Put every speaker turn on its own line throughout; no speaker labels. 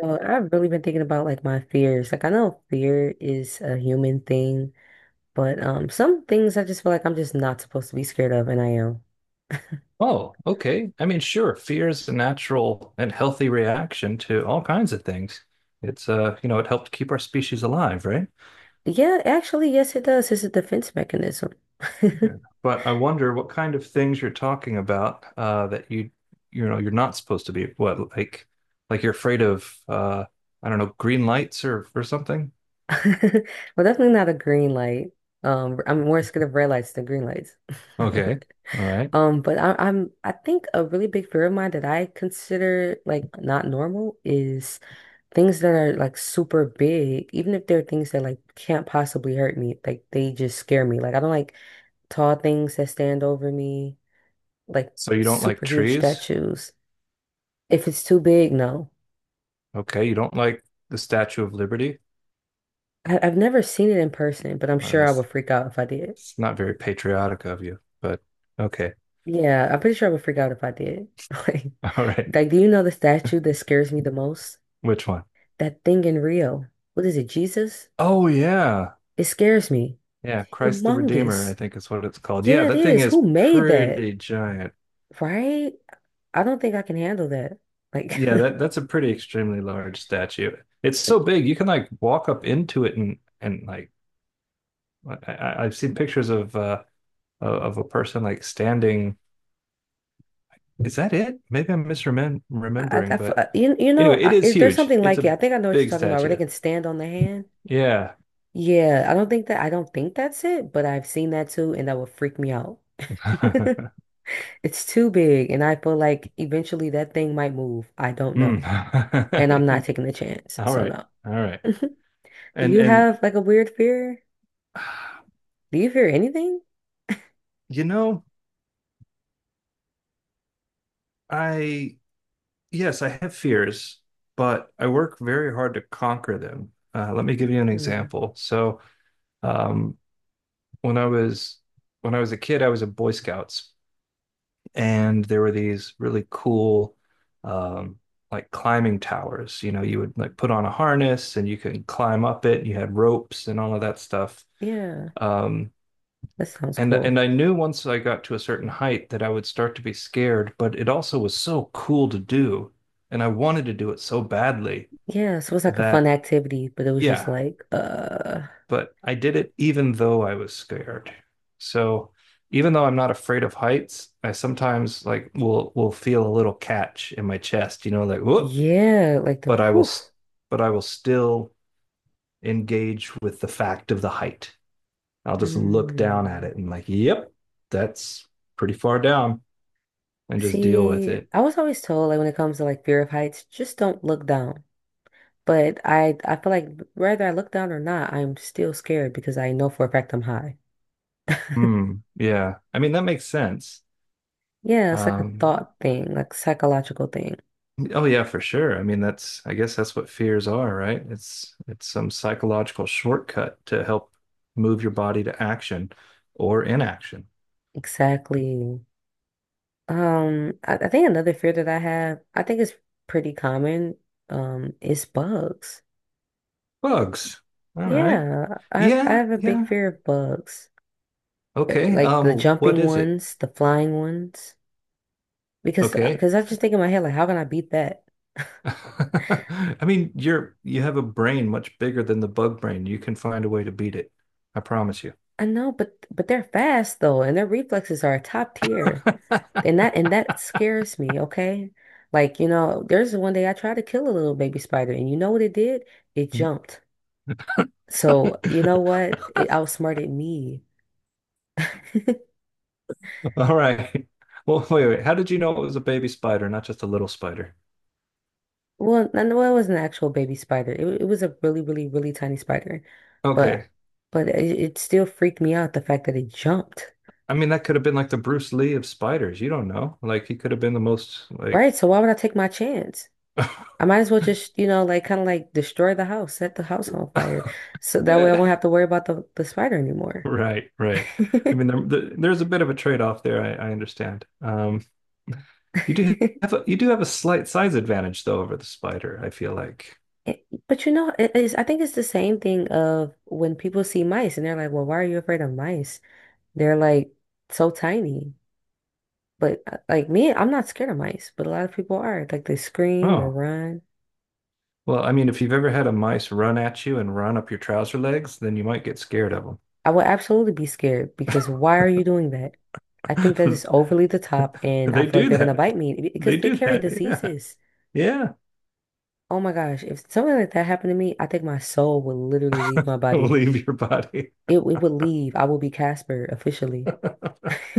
So I've really been thinking about my fears. Like I know fear is a human thing, but some things I just feel like I'm just not supposed to be scared of, and I am.
Oh, okay. I mean, sure, fear is a natural and healthy reaction to all kinds of things. It's you know, it helped keep our species alive, right?
Yeah, actually, yes, it does. It's a defense mechanism.
Yeah. But I wonder what kind of things you're talking about that you're not supposed to be what like you're afraid of I don't know, green lights or something?
Well, definitely not a green light. I'm more scared of red lights than green lights.
Okay. All right.
But I think a really big fear of mine that I consider like not normal is things that are like super big, even if they're things that like can't possibly hurt me, like they just scare me. Like I don't like tall things that stand over me, like
So you don't like
super huge
trees?
statues. If it's too big, no.
Okay, you don't like the Statue of Liberty?
I've never seen it in person, but I'm sure I would
That's
freak out if I did.
it's not very patriotic of you, but okay.
Yeah, I'm pretty sure I would freak out if I did. Like,
All right.
like, do you know the statue that scares me the most?
Which one?
That thing in Rio. What is it, Jesus?
Oh yeah.
It scares me. It's
Yeah, Christ the Redeemer, I
humongous.
think is what it's called. Yeah,
Yeah, it
that thing
is. Who
is
made that?
pretty giant.
Right? I don't think I can handle that. Like,
Yeah, that's a pretty extremely large statue. It's
like
so big you can like walk up into it and like I've seen pictures of of a person like standing. Is that it? Maybe I'm
I
remembering,
feel-
but
you know,
anyway, it
I,
is
it- there's
huge.
something
It's
like it.
a
I think I know what you're
big
talking about, where they
statue.
can stand on the hand.
Yeah.
Yeah, I don't think that's it, but I've seen that too, and that would freak me out. It's too big, and I feel like eventually that thing might move. I don't know. And I'm not
Mm.
taking the chance.
All
So
right.
no.
All right.
Do you
And
have like a weird fear? Do you fear anything?
you know, I Yes, I have fears, but I work very hard to conquer them. Let me give you an
Hmm.
example. So, um, when I was when I was a kid, I was in Boy Scouts, and there were these really cool, um, like climbing towers. You know, you would like put on a harness and you could climb up it. You had ropes and all of that stuff.
Yeah,
Um,
that sounds
and
cool.
and I knew once I got to a certain height that I would start to be scared, but it also was so cool to do, and I wanted to do it so badly
Yeah, so it's like a fun
that
activity, but it was just
yeah
like,
but I did it even though I was scared. So even though I'm not afraid of heights, I sometimes like will feel a little catch in my chest, you know, like whoop.
yeah, like the
but i will
whew.
but I will still engage with the fact of the height. I'll just look down at
Mm.
it and like, yep, that's pretty far down and just deal with
See,
it.
I was always told like when it comes to like fear of heights, just don't look down. But I feel like whether I look down or not, I'm still scared because I know for a fact I'm high.
Hmm, yeah, I mean that makes sense.
Yeah, it's like a
um
thought thing, like psychological thing.
Oh yeah, for sure. I mean, that's I guess that's what fears are, right? It's some psychological shortcut to help move your body to action or inaction.
Exactly. I think another fear that I have, I think it's pretty common, is bugs.
Bugs. All right.
Yeah, I
Yeah,
have a big
yeah.
fear of bugs. Eh,
Okay.
like the
What
jumping
is it?
ones, the flying ones. Because
Okay.
because I just think in my head, like, how can I beat that?
I mean, you're you have a brain much bigger than the bug brain. You can find a way to beat it. I promise you.
I know, but they're fast though, and their reflexes are top tier. And that scares me, okay? Like, you know, there's one day I tried to kill a little baby spider, and you know what it did? It jumped. So, you know what? It outsmarted me.
All right. Well, wait, wait. How did you know it was a baby spider, not just a little spider?
Well, no, it was an actual baby spider. It was a really, really, really tiny spider, but
Okay.
it still freaked me out the fact that it jumped.
I mean, that could have been like the Bruce Lee of spiders. You don't know. Like he could have been the most like.
Right? So why would I take my chance? I might as well just, you know, like kind of like destroy the house, set the house on fire, so that way I
Eh,
won't have to worry about the spider anymore.
right, right. I mean, there's a bit of a trade-off there. I understand. You do have a, you do have a slight size advantage though over the spider. I feel like.
It- But you know, it is, I think it's the same thing of when people see mice and they're like, "Well, why are you afraid of mice? They're like so tiny." But like me, I'm not scared of mice, but a lot of people are. Like they scream or
Oh,
run.
well, I mean, if you've ever had a mice run at you and run up your trouser legs, then you might get scared of
I would absolutely be scared because why are you doing that? I think that
them.
is overly the top, and I
They
feel like
do
they're gonna
that.
bite me
They
because they
do
carry
that. Yeah,
diseases.
yeah.
Oh my gosh, if something like that happened to me, I think my soul would literally leave my body.
Leave your body.
It would leave. I would be Casper officially.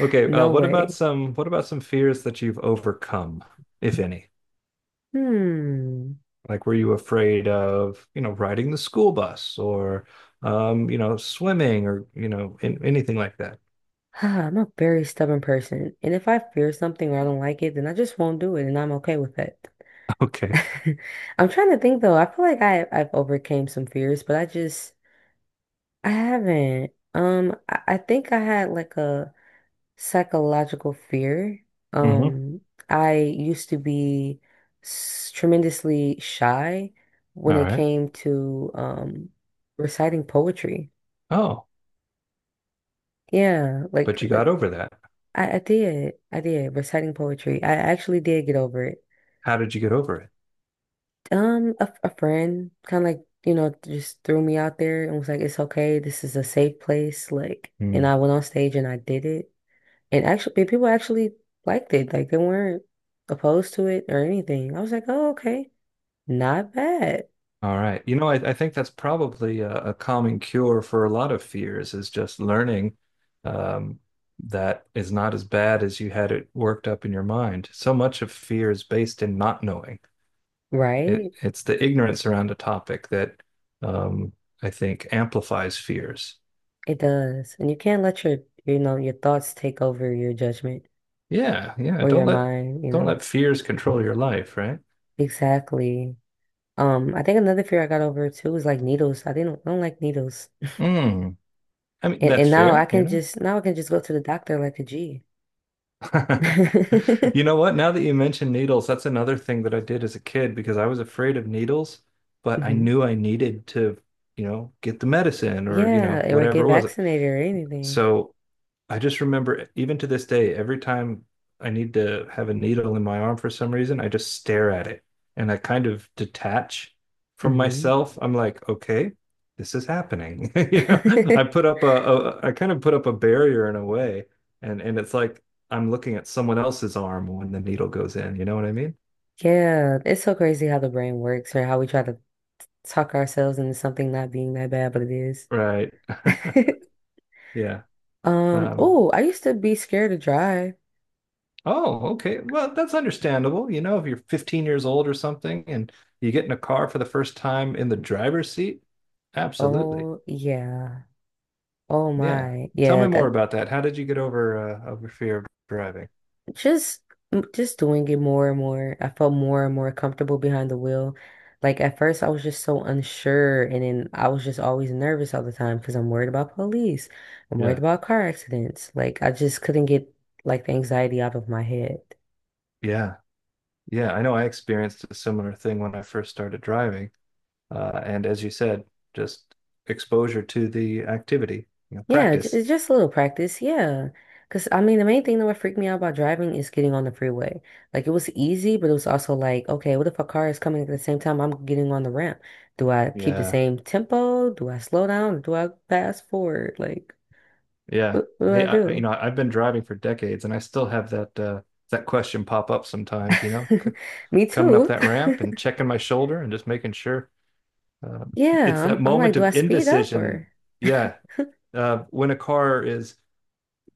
Okay,
No way.
what about some fears that you've overcome, if any?
Hmm.
Like, were you afraid of, you know, riding the school bus or, you know, swimming or, anything like that?
I'm a very stubborn person, and if I fear something or I don't like it, then I just won't do it, and I'm okay with that.
Okay.
I'm trying to think though. I feel like I've overcame some fears, but I just I haven't. I think I had like a psychological fear.
Hmm.
Um, I used to be tremendously shy when
All
it
right.
came to reciting poetry.
Oh,
Yeah,
but you got
like
over that.
I did. I did reciting poetry. I actually did get over it.
How did you get over it?
A friend kind of like, you know, just threw me out there and was like, it's okay. This is a safe place. Like, and
Hmm.
I went on stage and I did it. And actually, and people actually liked it. Like, they weren't opposed to it or anything. I was like, oh, okay. Not bad.
All right. You know, I think that's probably a common cure for a lot of fears is just learning, um, that is not as bad as you had it worked up in your mind. So much of fear is based in not knowing.
Right?
It's the ignorance around a topic that um, I think amplifies fears.
It does. And you can't let your, you know, your thoughts take over your judgment
Yeah, yeah.
or your mind, you
Don't
know.
let fears control your life, right?
Exactly. I think another fear I got over too is like needles. I don't like needles.
Mm. I mean, that's
And now I
fair, you
can
know.
just now I can just go to the doctor like a G.
You know what? Now that you mention needles, that's another thing that I did as a kid because I was afraid of needles, but I
Hmm.
knew I needed to, you know, get the medicine or, you know,
Yeah, or
whatever
get
it was.
vaccinated or anything.
So I just remember, even to this day, every time I need to have a needle in my arm for some reason, I just stare at it and I kind of detach from
Hmm.
myself. I'm like, okay, this is happening. You know, I put up I kind of put up a barrier in a way, and it's like I'm looking at someone else's arm when the needle goes in. You know what I mean?
Yeah, it's so crazy how the brain works or how we try to talk ourselves into something not being that bad, but it is.
Right. Yeah. Um,
Oh, I used to be scared to drive.
oh, okay. Well, that's understandable. You know, if you're 15 years old or something and you get in a car for the first time in the driver's seat, absolutely.
Oh, yeah. Oh
Yeah.
my.
Tell
Yeah,
me more
that
about that. How did you get over over fear of driving?
Just just doing it more and more. I felt more and more comfortable behind the wheel. Like at first I was just so unsure and then I was just always nervous all the time because I'm worried about police. I'm worried
Yeah.
about car accidents. Like I just couldn't get like the anxiety out of my head.
Yeah. Yeah, I know I experienced a similar thing when I first started driving. And as you said, just exposure to the activity, you know,
Yeah,
practice.
it's just a little practice. Yeah. Because I mean, the main thing that would freak me out about driving is getting on the freeway. Like, it was easy, but it was also like, okay, what if a car is coming at the same time I'm getting on the ramp? Do I keep the
Yeah.
same tempo? Do I slow down? Do I pass forward? Like,
Yeah.
what do
Hey,
I
I, you
do?
know, I've been driving for decades and I still have that that question pop up sometimes, you know. C-
Me
coming up
too.
that ramp and checking my shoulder and just making sure. Uh, it's
Yeah,
that
I'm like,
moment
do
of
I speed up or?
indecision. Yeah. When a car is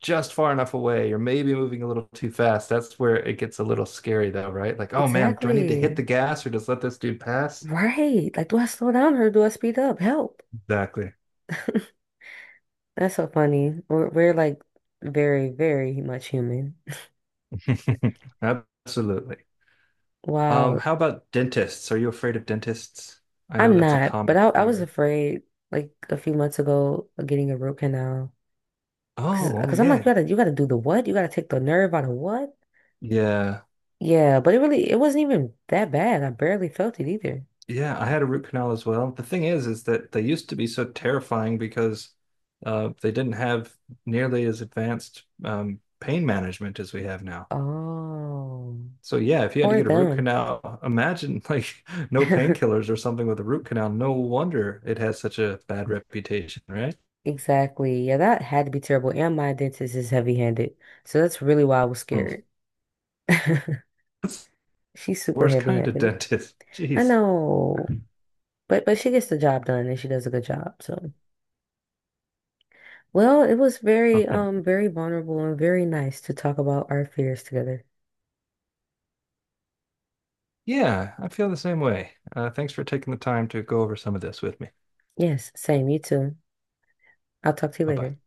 just far enough away or maybe moving a little too fast, that's where it gets a little scary, though, right? Like, oh man, do I need to hit the
Exactly.
gas or just let this dude pass?
Right. Like, do I slow down or do I speed up? Help.
Exactly.
That's so funny. We're like very, very much human.
Absolutely.
Wow,
How about dentists? Are you afraid of dentists? I know
I'm
that's a
not, but
common
I was
fear.
afraid like a few months ago of getting a root canal because
Oh,
because I'm like
yeah.
you gotta do the what? You gotta take the nerve out of what?
Yeah.
Yeah, but it really it wasn't even that bad. I barely felt it either.
Yeah, I had a root canal as well. The thing is that they used to be so terrifying because they didn't have nearly as advanced pain management as we have now.
Oh,
So yeah, if you had to
poor
get a root
them.
canal, imagine like no painkillers or something with a root canal. No wonder it has such a bad reputation, right?
Exactly. Yeah, that had to be terrible. And my dentist is heavy-handed, so that's really why I was
Oh,
scared.
that's
She's
the
super
worst kind of
heavy-handed.
dentist.
I
Jeez.
know, but she gets the job done and she does a good job. So. Well, it was
All
very,
right.
very vulnerable and very nice to talk about our fears together.
Yeah, I feel the same way. Thanks for taking the time to go over some of this with me.
Yes, same, you too. I'll talk to you
Bye bye.
later.